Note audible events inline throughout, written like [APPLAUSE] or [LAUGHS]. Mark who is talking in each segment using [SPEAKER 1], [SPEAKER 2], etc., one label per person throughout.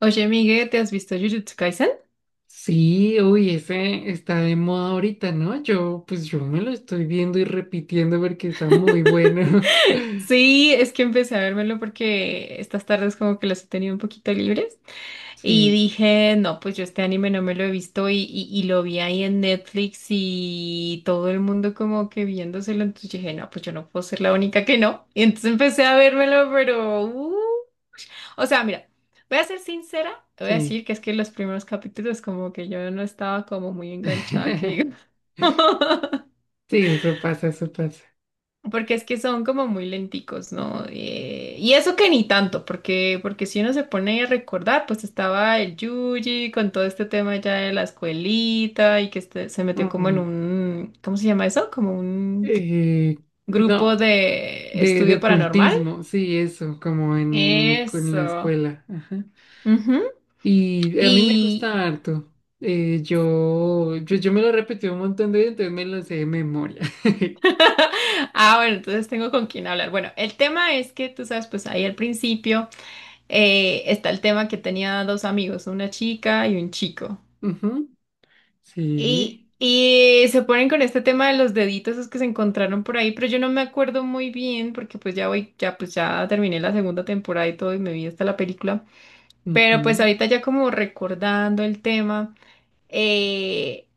[SPEAKER 1] Oye, Miguel, ¿te has visto Jujutsu Kaisen?
[SPEAKER 2] Sí, uy, ese está de moda ahorita, ¿no? Yo, pues yo me lo estoy viendo y repitiendo porque está muy bueno. [LAUGHS]
[SPEAKER 1] Sí, es que empecé a vérmelo porque estas tardes como que las he tenido un poquito libres y
[SPEAKER 2] Sí,
[SPEAKER 1] dije, no, pues yo este anime no me lo he visto y lo vi ahí en Netflix y todo el mundo como que viéndoselo, entonces dije, no, pues yo no puedo ser la única que no. Y entonces empecé a vérmelo, pero o sea, mira, voy a ser sincera, voy a
[SPEAKER 2] sí.
[SPEAKER 1] decir que es que los primeros capítulos como que yo no estaba como muy enganchada, que digo.
[SPEAKER 2] [LAUGHS]
[SPEAKER 1] [LAUGHS]
[SPEAKER 2] Sí, eso pasa, eso pasa.
[SPEAKER 1] Porque es que son como muy lenticos, ¿no? Y eso que ni tanto, porque si uno se pone a recordar, pues estaba el Yuji con todo este tema ya de la escuelita y que se metió como en
[SPEAKER 2] Mm.
[SPEAKER 1] un, ¿cómo se llama eso? Como un
[SPEAKER 2] Eh,
[SPEAKER 1] grupo
[SPEAKER 2] no,
[SPEAKER 1] de
[SPEAKER 2] de
[SPEAKER 1] estudio paranormal.
[SPEAKER 2] ocultismo, sí, eso, como en, en la
[SPEAKER 1] Eso.
[SPEAKER 2] escuela. Ajá.
[SPEAKER 1] Ujú.
[SPEAKER 2] Y a mí me
[SPEAKER 1] Y,
[SPEAKER 2] gusta harto. Yo me lo repetí un montón de veces, entonces me lo sé de memoria. [LAUGHS]
[SPEAKER 1] [LAUGHS] Ah, bueno, entonces tengo con quién hablar. Bueno, el tema es que tú sabes, pues ahí al principio está el tema que tenía dos amigos, una chica y un chico.
[SPEAKER 2] Ujú.
[SPEAKER 1] Y,
[SPEAKER 2] Sí.
[SPEAKER 1] y se ponen con este tema de los deditos esos que se encontraron por ahí, pero yo no me acuerdo muy bien porque pues ya voy, ya pues ya terminé la segunda temporada y todo y me vi hasta la película. Pero pues
[SPEAKER 2] Ujú.
[SPEAKER 1] ahorita ya como recordando el tema, eh,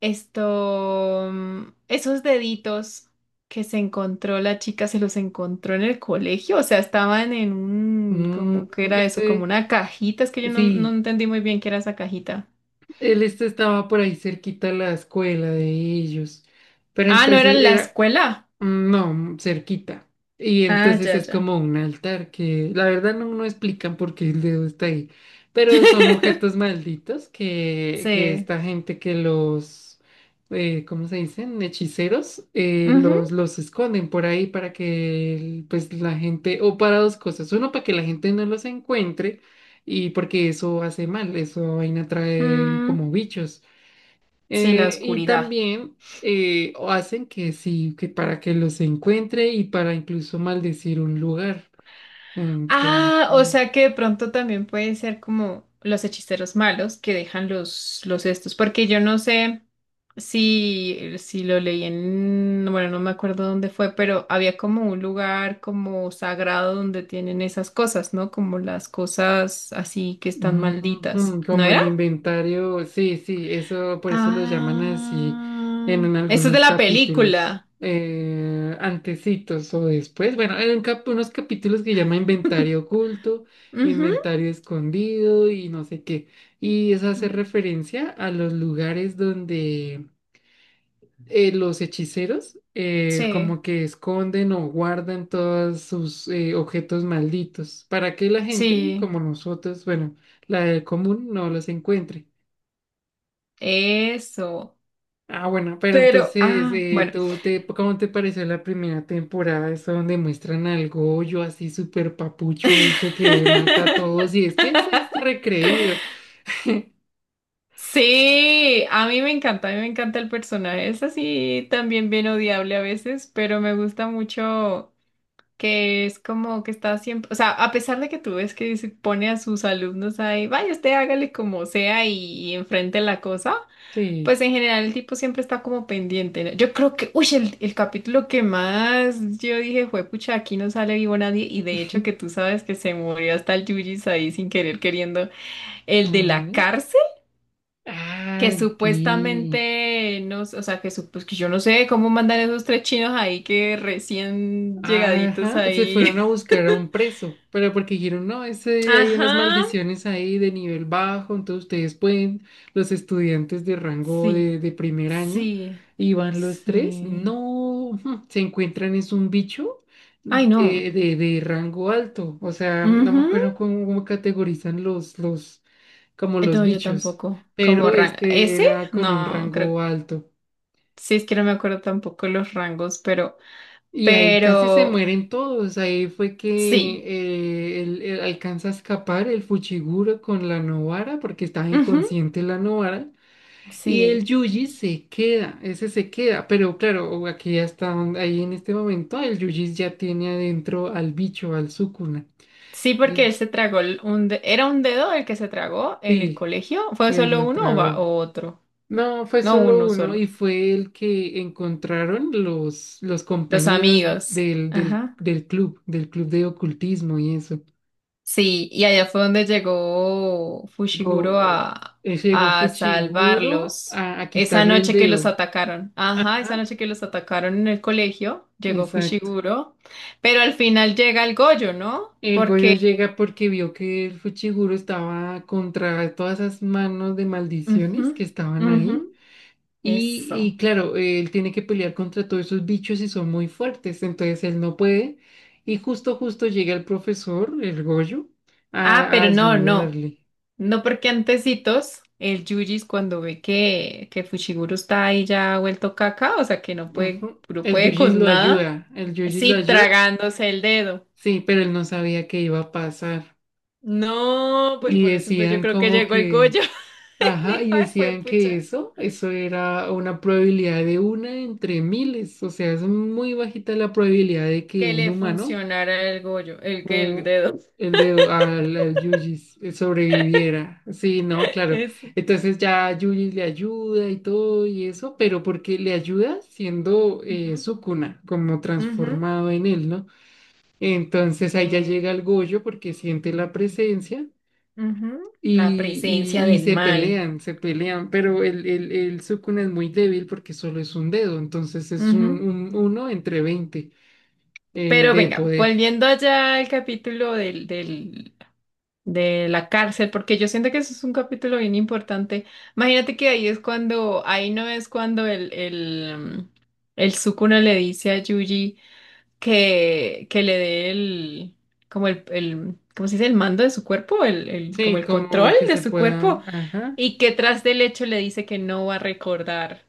[SPEAKER 1] esto, esos deditos que se encontró la chica, se los encontró en el colegio, o sea, estaban en un,
[SPEAKER 2] Mm,
[SPEAKER 1] como que era eso, como
[SPEAKER 2] este,
[SPEAKER 1] una cajita, es que yo no
[SPEAKER 2] sí,
[SPEAKER 1] entendí muy bien qué era esa cajita.
[SPEAKER 2] él estaba por ahí cerquita a la escuela de ellos, pero
[SPEAKER 1] Ah, no era en la escuela.
[SPEAKER 2] Mm, no, cerquita. Y
[SPEAKER 1] Ah,
[SPEAKER 2] entonces
[SPEAKER 1] ya,
[SPEAKER 2] es
[SPEAKER 1] ya.
[SPEAKER 2] como un altar que la verdad no, no explican por qué el dedo está ahí. Pero son objetos
[SPEAKER 1] [LAUGHS]
[SPEAKER 2] malditos que
[SPEAKER 1] Sí.
[SPEAKER 2] esta gente que los, ¿cómo se dicen? Hechiceros,
[SPEAKER 1] Ujú.
[SPEAKER 2] los esconden por ahí para pues la gente, o para dos cosas. Uno, para que la gente no los encuentre y porque eso hace mal, eso vaina trae
[SPEAKER 1] Mm,
[SPEAKER 2] como bichos.
[SPEAKER 1] sí, la
[SPEAKER 2] Y
[SPEAKER 1] oscuridad.
[SPEAKER 2] también o hacen que sí, que para que los encuentre y para incluso maldecir un lugar.
[SPEAKER 1] Ah, o
[SPEAKER 2] Entonces,
[SPEAKER 1] sea que de pronto también puede ser como los hechiceros malos que dejan los, estos, porque yo no sé si lo leí en, bueno, no me acuerdo dónde fue, pero había como un lugar como sagrado donde tienen esas cosas, ¿no? Como las cosas así que están
[SPEAKER 2] mm,
[SPEAKER 1] malditas,
[SPEAKER 2] mm,
[SPEAKER 1] ¿no
[SPEAKER 2] como
[SPEAKER 1] era?
[SPEAKER 2] el inventario, sí, sí, eso por eso lo llaman así
[SPEAKER 1] Ah,
[SPEAKER 2] en
[SPEAKER 1] eso es de
[SPEAKER 2] algunos
[SPEAKER 1] la
[SPEAKER 2] capítulos.
[SPEAKER 1] película.
[SPEAKER 2] Antecitos o después, bueno, hay un unos capítulos que llama inventario oculto,
[SPEAKER 1] [LAUGHS] Ujú.
[SPEAKER 2] inventario escondido y no sé qué. Y eso hace
[SPEAKER 1] Mm,
[SPEAKER 2] referencia a los lugares donde los hechiceros
[SPEAKER 1] sí,
[SPEAKER 2] como que esconden o guardan todos sus objetos malditos para que la gente
[SPEAKER 1] sí,
[SPEAKER 2] como nosotros, bueno, la del común no los encuentre.
[SPEAKER 1] eso.
[SPEAKER 2] Ah, bueno, pero
[SPEAKER 1] Pero,
[SPEAKER 2] entonces,
[SPEAKER 1] ah, bueno.
[SPEAKER 2] ¿tú te, cómo te pareció la primera temporada? Esa donde muestran al Goyo así súper papucho, ese que mata a todos
[SPEAKER 1] [LAUGHS]
[SPEAKER 2] y es que ese es recreído.
[SPEAKER 1] Sí, a mí me encanta, a mí me encanta el personaje. Es así también bien odiable a veces, pero me gusta mucho que es como que está siempre, o sea, a pesar de que tú ves que se pone a sus alumnos ahí, vaya usted hágale como sea y enfrente la cosa. Pues
[SPEAKER 2] Sí.
[SPEAKER 1] en general el tipo siempre está como pendiente, ¿no? Yo creo que, uy, el capítulo que más yo dije fue, pucha, aquí no sale vivo nadie. Y de hecho que tú
[SPEAKER 2] [LAUGHS]
[SPEAKER 1] sabes que se murió hasta el Yujis ahí sin querer queriendo. El de la
[SPEAKER 2] Mm.
[SPEAKER 1] cárcel, que
[SPEAKER 2] Ah, sí.
[SPEAKER 1] supuestamente, no sé, o sea, que, pues, que yo no sé cómo mandan esos tres chinos ahí que recién llegaditos
[SPEAKER 2] Ajá, se
[SPEAKER 1] ahí.
[SPEAKER 2] fueron a buscar a un preso, pero porque dijeron, no,
[SPEAKER 1] [LAUGHS]
[SPEAKER 2] ese, hay unas
[SPEAKER 1] Ajá.
[SPEAKER 2] maldiciones ahí de nivel bajo, entonces ustedes pueden, los estudiantes de rango
[SPEAKER 1] Sí,
[SPEAKER 2] de primer año,
[SPEAKER 1] sí,
[SPEAKER 2] y van los tres,
[SPEAKER 1] sí.
[SPEAKER 2] no, ujú, se encuentran, es un bicho
[SPEAKER 1] Ay, no.
[SPEAKER 2] de rango alto, o sea, no me
[SPEAKER 1] Ujú.
[SPEAKER 2] acuerdo cómo categorizan los, como los
[SPEAKER 1] No, yo
[SPEAKER 2] bichos,
[SPEAKER 1] tampoco. Como
[SPEAKER 2] pero este
[SPEAKER 1] ¿ese?
[SPEAKER 2] era con un
[SPEAKER 1] No, creo.
[SPEAKER 2] rango alto.
[SPEAKER 1] Sí, es que no me acuerdo tampoco los rangos, pero.
[SPEAKER 2] Y ahí casi se
[SPEAKER 1] Pero.
[SPEAKER 2] mueren todos. Ahí fue que
[SPEAKER 1] Sí.
[SPEAKER 2] él alcanza a escapar el Fuchiguro con la Novara, porque estaba
[SPEAKER 1] Ujú,
[SPEAKER 2] inconsciente la Novara. Y el
[SPEAKER 1] sí.
[SPEAKER 2] Yuji se queda, ese se queda. Pero claro, aquí ya está, ahí en este momento, el Yuji ya tiene adentro al bicho, al Sukuna.
[SPEAKER 1] Sí, porque
[SPEAKER 2] Y
[SPEAKER 1] él se tragó un ¿era un dedo el que se tragó en el
[SPEAKER 2] sí,
[SPEAKER 1] colegio? ¿Fue
[SPEAKER 2] se
[SPEAKER 1] solo
[SPEAKER 2] la
[SPEAKER 1] uno o,
[SPEAKER 2] tragó.
[SPEAKER 1] o otro?
[SPEAKER 2] No, fue
[SPEAKER 1] No,
[SPEAKER 2] solo
[SPEAKER 1] uno
[SPEAKER 2] uno y
[SPEAKER 1] solo.
[SPEAKER 2] fue el que encontraron los
[SPEAKER 1] Los
[SPEAKER 2] compañeros
[SPEAKER 1] amigos. Ajá.
[SPEAKER 2] del club de ocultismo y eso.
[SPEAKER 1] Sí, y allá fue donde llegó Fushiguro
[SPEAKER 2] Go- eh,
[SPEAKER 1] a,
[SPEAKER 2] Llegó Fuchiguro
[SPEAKER 1] salvarlos.
[SPEAKER 2] a
[SPEAKER 1] Esa
[SPEAKER 2] quitarle el
[SPEAKER 1] noche que los
[SPEAKER 2] dedo.
[SPEAKER 1] atacaron. Ajá, esa
[SPEAKER 2] Ajá,
[SPEAKER 1] noche que los atacaron en el colegio, llegó
[SPEAKER 2] exacto.
[SPEAKER 1] Fushiguro. Pero al final llega el Goyo, ¿no?
[SPEAKER 2] El Goyo
[SPEAKER 1] Porque.
[SPEAKER 2] llega porque vio que el Fuchiguro estaba contra todas esas manos de
[SPEAKER 1] Ujú,
[SPEAKER 2] maldiciones que estaban
[SPEAKER 1] ujú,
[SPEAKER 2] ahí. Y,
[SPEAKER 1] eso.
[SPEAKER 2] y claro, él tiene que pelear contra todos esos bichos y son muy fuertes, entonces él no puede. Y justo llega el profesor, el Goyo,
[SPEAKER 1] Ah,
[SPEAKER 2] a
[SPEAKER 1] pero no, no.
[SPEAKER 2] ayudarle.
[SPEAKER 1] No porque antecitos, el Yujis cuando ve que, Fushiguro está ahí ya vuelto caca, o sea que no puede,
[SPEAKER 2] Ujú.
[SPEAKER 1] no
[SPEAKER 2] El
[SPEAKER 1] puede
[SPEAKER 2] Yujis
[SPEAKER 1] con
[SPEAKER 2] lo
[SPEAKER 1] nada.
[SPEAKER 2] ayuda, el Yujis lo
[SPEAKER 1] Sí,
[SPEAKER 2] ayuda,
[SPEAKER 1] tragándose el dedo.
[SPEAKER 2] sí, pero él no sabía qué iba a pasar.
[SPEAKER 1] No, pues
[SPEAKER 2] Y
[SPEAKER 1] por eso entonces yo
[SPEAKER 2] decían
[SPEAKER 1] creo que
[SPEAKER 2] como
[SPEAKER 1] llegó el Goyo.
[SPEAKER 2] que,
[SPEAKER 1] [LAUGHS] Y
[SPEAKER 2] ajá,
[SPEAKER 1] dijo,
[SPEAKER 2] y
[SPEAKER 1] ay,
[SPEAKER 2] decían que
[SPEAKER 1] juepucha,
[SPEAKER 2] eso era una probabilidad de una entre miles, o sea, es muy bajita la probabilidad de que
[SPEAKER 1] que
[SPEAKER 2] un
[SPEAKER 1] le
[SPEAKER 2] humano
[SPEAKER 1] funcionara el Goyo, el que el
[SPEAKER 2] o
[SPEAKER 1] dedo.
[SPEAKER 2] al Yuji sobreviviera. Sí, no,
[SPEAKER 1] [LAUGHS]
[SPEAKER 2] claro.
[SPEAKER 1] Ese.
[SPEAKER 2] Entonces ya Yuji le ayuda y todo y eso, pero porque le ayuda siendo
[SPEAKER 1] Ujú,
[SPEAKER 2] Sukuna, como
[SPEAKER 1] ujú,
[SPEAKER 2] transformado en él, ¿no? Entonces ahí ya
[SPEAKER 1] sí,
[SPEAKER 2] llega el Gojo porque siente la presencia.
[SPEAKER 1] ujú. La
[SPEAKER 2] Y,
[SPEAKER 1] presencia
[SPEAKER 2] y, y
[SPEAKER 1] del mal.
[SPEAKER 2] se pelean, pero el Sukuna es muy débil porque solo es un dedo, entonces es
[SPEAKER 1] Ujú.
[SPEAKER 2] un uno entre 20
[SPEAKER 1] Pero
[SPEAKER 2] de
[SPEAKER 1] venga,
[SPEAKER 2] poder.
[SPEAKER 1] volviendo allá al capítulo del, de la cárcel, porque yo siento que eso es un capítulo bien importante. Imagínate que ahí es cuando, ahí no es cuando mm, el Sukuna le dice a Yuji, que le dé el, como el, ¿cómo se dice? El mando de su cuerpo, el, como
[SPEAKER 2] Sí,
[SPEAKER 1] el control
[SPEAKER 2] como que
[SPEAKER 1] de
[SPEAKER 2] se
[SPEAKER 1] su cuerpo,
[SPEAKER 2] pueda, ajá.
[SPEAKER 1] y que tras del hecho le dice que no va a recordar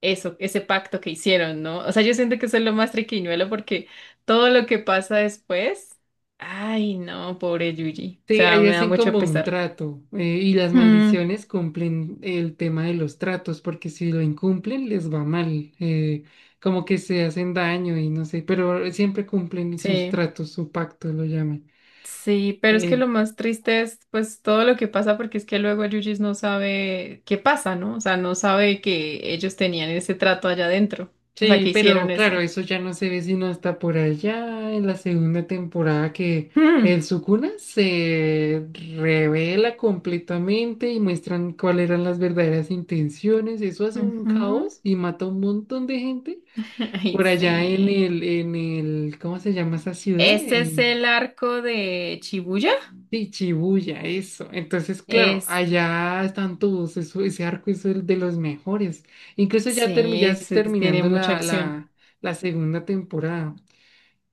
[SPEAKER 1] eso, ese pacto que hicieron, ¿no? O sea, yo siento que eso es lo más triquiñuelo porque todo lo que pasa después, ay, no, pobre Yuji, o
[SPEAKER 2] Sí,
[SPEAKER 1] sea,
[SPEAKER 2] ahí
[SPEAKER 1] me da
[SPEAKER 2] hacen
[SPEAKER 1] mucho
[SPEAKER 2] como un
[SPEAKER 1] pesar.
[SPEAKER 2] trato y las
[SPEAKER 1] Mm,
[SPEAKER 2] maldiciones cumplen el tema de los tratos porque si lo incumplen les va mal, como que se hacen daño y no sé, pero siempre cumplen sus
[SPEAKER 1] sí.
[SPEAKER 2] tratos, su pacto lo llaman.
[SPEAKER 1] Sí, pero es que
[SPEAKER 2] Eh,
[SPEAKER 1] lo más triste es pues todo lo que pasa porque es que luego el Yujis no sabe qué pasa, ¿no? O sea, no sabe que ellos tenían ese trato allá adentro. O sea, que
[SPEAKER 2] sí,
[SPEAKER 1] hicieron
[SPEAKER 2] pero claro,
[SPEAKER 1] eso.
[SPEAKER 2] eso ya no se ve sino hasta por allá en la segunda temporada que
[SPEAKER 1] Mm.
[SPEAKER 2] el Sukuna se revela completamente y muestran cuáles eran las verdaderas intenciones, eso hace un
[SPEAKER 1] Ujú.
[SPEAKER 2] caos y mata a un montón de gente.
[SPEAKER 1] [LAUGHS] Ay,
[SPEAKER 2] Por allá en
[SPEAKER 1] sí.
[SPEAKER 2] en el, ¿cómo se llama esa ciudad?
[SPEAKER 1] Ese es el arco de Shibuya.
[SPEAKER 2] Sí, Shibuya, eso. Entonces, claro,
[SPEAKER 1] Esto.
[SPEAKER 2] allá están todos, ese arco es el de los mejores. Incluso ya, ya
[SPEAKER 1] Sí,
[SPEAKER 2] es
[SPEAKER 1] ese tiene
[SPEAKER 2] terminando
[SPEAKER 1] mucha acción.
[SPEAKER 2] la segunda temporada.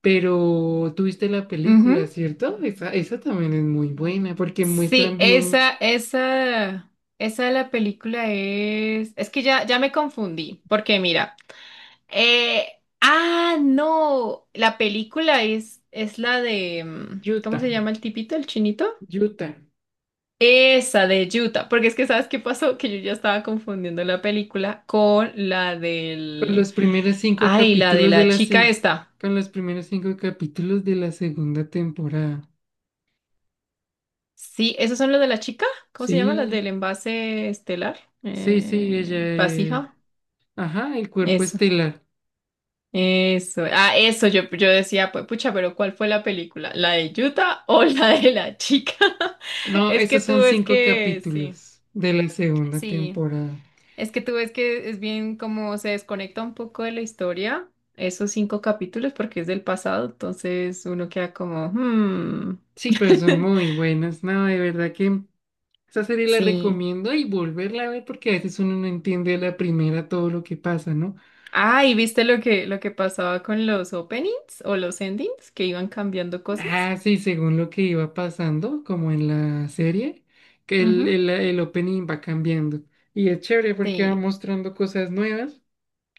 [SPEAKER 2] Pero tuviste la
[SPEAKER 1] Ujú.
[SPEAKER 2] película, ¿cierto? Esa también es muy buena porque
[SPEAKER 1] Sí,
[SPEAKER 2] muestran bien
[SPEAKER 1] esa, esa de la película es. Es que ya, me confundí. Porque mira. Eh, ah, no, la película es la de, ¿cómo
[SPEAKER 2] Utah,
[SPEAKER 1] se llama el tipito, el chinito?
[SPEAKER 2] Utah,
[SPEAKER 1] Esa de Utah, porque es que ¿sabes qué pasó? Que yo ya estaba confundiendo la película con la
[SPEAKER 2] con
[SPEAKER 1] del,
[SPEAKER 2] los primeros cinco
[SPEAKER 1] ay, la de
[SPEAKER 2] capítulos de
[SPEAKER 1] la chica esta.
[SPEAKER 2] con los primeros cinco capítulos de la segunda temporada.
[SPEAKER 1] Sí, ¿esos son los de la chica? ¿Cómo se llama? Las
[SPEAKER 2] Sí,
[SPEAKER 1] del envase estelar,
[SPEAKER 2] sí, sí, ella.
[SPEAKER 1] vasija.
[SPEAKER 2] Ajá, el cuerpo
[SPEAKER 1] Eso.
[SPEAKER 2] estelar.
[SPEAKER 1] Eso, ah, eso, yo decía, pues pucha, pero ¿cuál fue la película? ¿La de Utah o [LAUGHS] la de la chica? [LAUGHS]
[SPEAKER 2] No,
[SPEAKER 1] Es que
[SPEAKER 2] esos
[SPEAKER 1] tú
[SPEAKER 2] son
[SPEAKER 1] ves
[SPEAKER 2] cinco
[SPEAKER 1] que, sí,
[SPEAKER 2] capítulos de la segunda
[SPEAKER 1] sí,
[SPEAKER 2] temporada.
[SPEAKER 1] es que tú ves que es bien como se desconecta un poco de la historia, esos cinco capítulos, porque es del pasado, entonces uno queda como, hmm,
[SPEAKER 2] Sí, pero son
[SPEAKER 1] [LAUGHS]
[SPEAKER 2] muy buenas. No, de verdad que esa serie la
[SPEAKER 1] sí.
[SPEAKER 2] recomiendo y volverla a ver porque a veces uno no entiende a la primera todo lo que pasa, ¿no?
[SPEAKER 1] Ah, ¿y viste lo que pasaba con los openings o los endings, que iban cambiando cosas?
[SPEAKER 2] Ah, sí, según lo que iba pasando, como en la serie, que
[SPEAKER 1] Ujú,
[SPEAKER 2] el opening va cambiando. Y es chévere porque va
[SPEAKER 1] sí.
[SPEAKER 2] mostrando cosas nuevas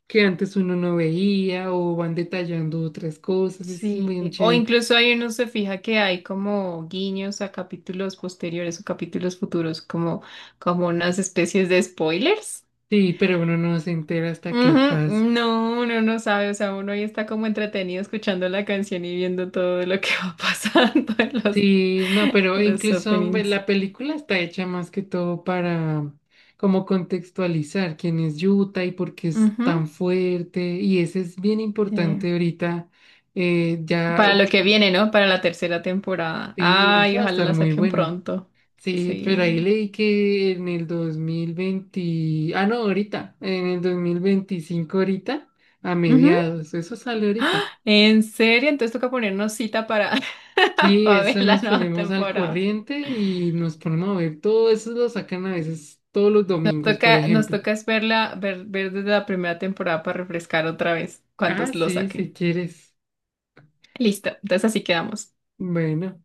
[SPEAKER 2] que antes uno no veía o van detallando otras cosas, eso es muy
[SPEAKER 1] Sí, o
[SPEAKER 2] chévere.
[SPEAKER 1] incluso ahí uno se fija que hay como guiños a capítulos posteriores o capítulos futuros, como, unas especies de spoilers.
[SPEAKER 2] Sí, pero uno no se entera hasta qué
[SPEAKER 1] Ujú,
[SPEAKER 2] pasa.
[SPEAKER 1] no, uno no sabe, o sea, uno ahí está como entretenido escuchando la canción y viendo todo lo que va pasando [LAUGHS] en los,
[SPEAKER 2] Sí, no, pero incluso ve,
[SPEAKER 1] openings.
[SPEAKER 2] la película está hecha más que todo para mm, como contextualizar quién es Yuta y por qué es
[SPEAKER 1] Ujú,
[SPEAKER 2] tan fuerte y eso es bien
[SPEAKER 1] sí.
[SPEAKER 2] importante ahorita. eh,
[SPEAKER 1] Para
[SPEAKER 2] ya,
[SPEAKER 1] lo que viene, ¿no? Para la tercera temporada.
[SPEAKER 2] y
[SPEAKER 1] Ay,
[SPEAKER 2] eso va a
[SPEAKER 1] ojalá
[SPEAKER 2] estar
[SPEAKER 1] la
[SPEAKER 2] muy
[SPEAKER 1] saquen
[SPEAKER 2] bueno.
[SPEAKER 1] pronto.
[SPEAKER 2] Sí, pero
[SPEAKER 1] Sí.
[SPEAKER 2] ahí leí que en el 2020, ah, no, ahorita, en el 2025 ahorita, a
[SPEAKER 1] Ujú.
[SPEAKER 2] mediados, eso sale ahorita.
[SPEAKER 1] ¿En serio? Entonces toca ponernos cita para, [LAUGHS]
[SPEAKER 2] Sí,
[SPEAKER 1] para ver
[SPEAKER 2] eso
[SPEAKER 1] la
[SPEAKER 2] nos
[SPEAKER 1] nueva
[SPEAKER 2] ponemos al
[SPEAKER 1] temporada.
[SPEAKER 2] corriente y nos ponemos a ver, todo eso lo sacan a veces todos los domingos, por
[SPEAKER 1] Nos
[SPEAKER 2] ejemplo.
[SPEAKER 1] toca es verla, ver, desde la primera temporada para refrescar otra vez cuando
[SPEAKER 2] Ah,
[SPEAKER 1] lo
[SPEAKER 2] sí,
[SPEAKER 1] saquen.
[SPEAKER 2] si quieres.
[SPEAKER 1] Listo, entonces así quedamos.
[SPEAKER 2] Bueno.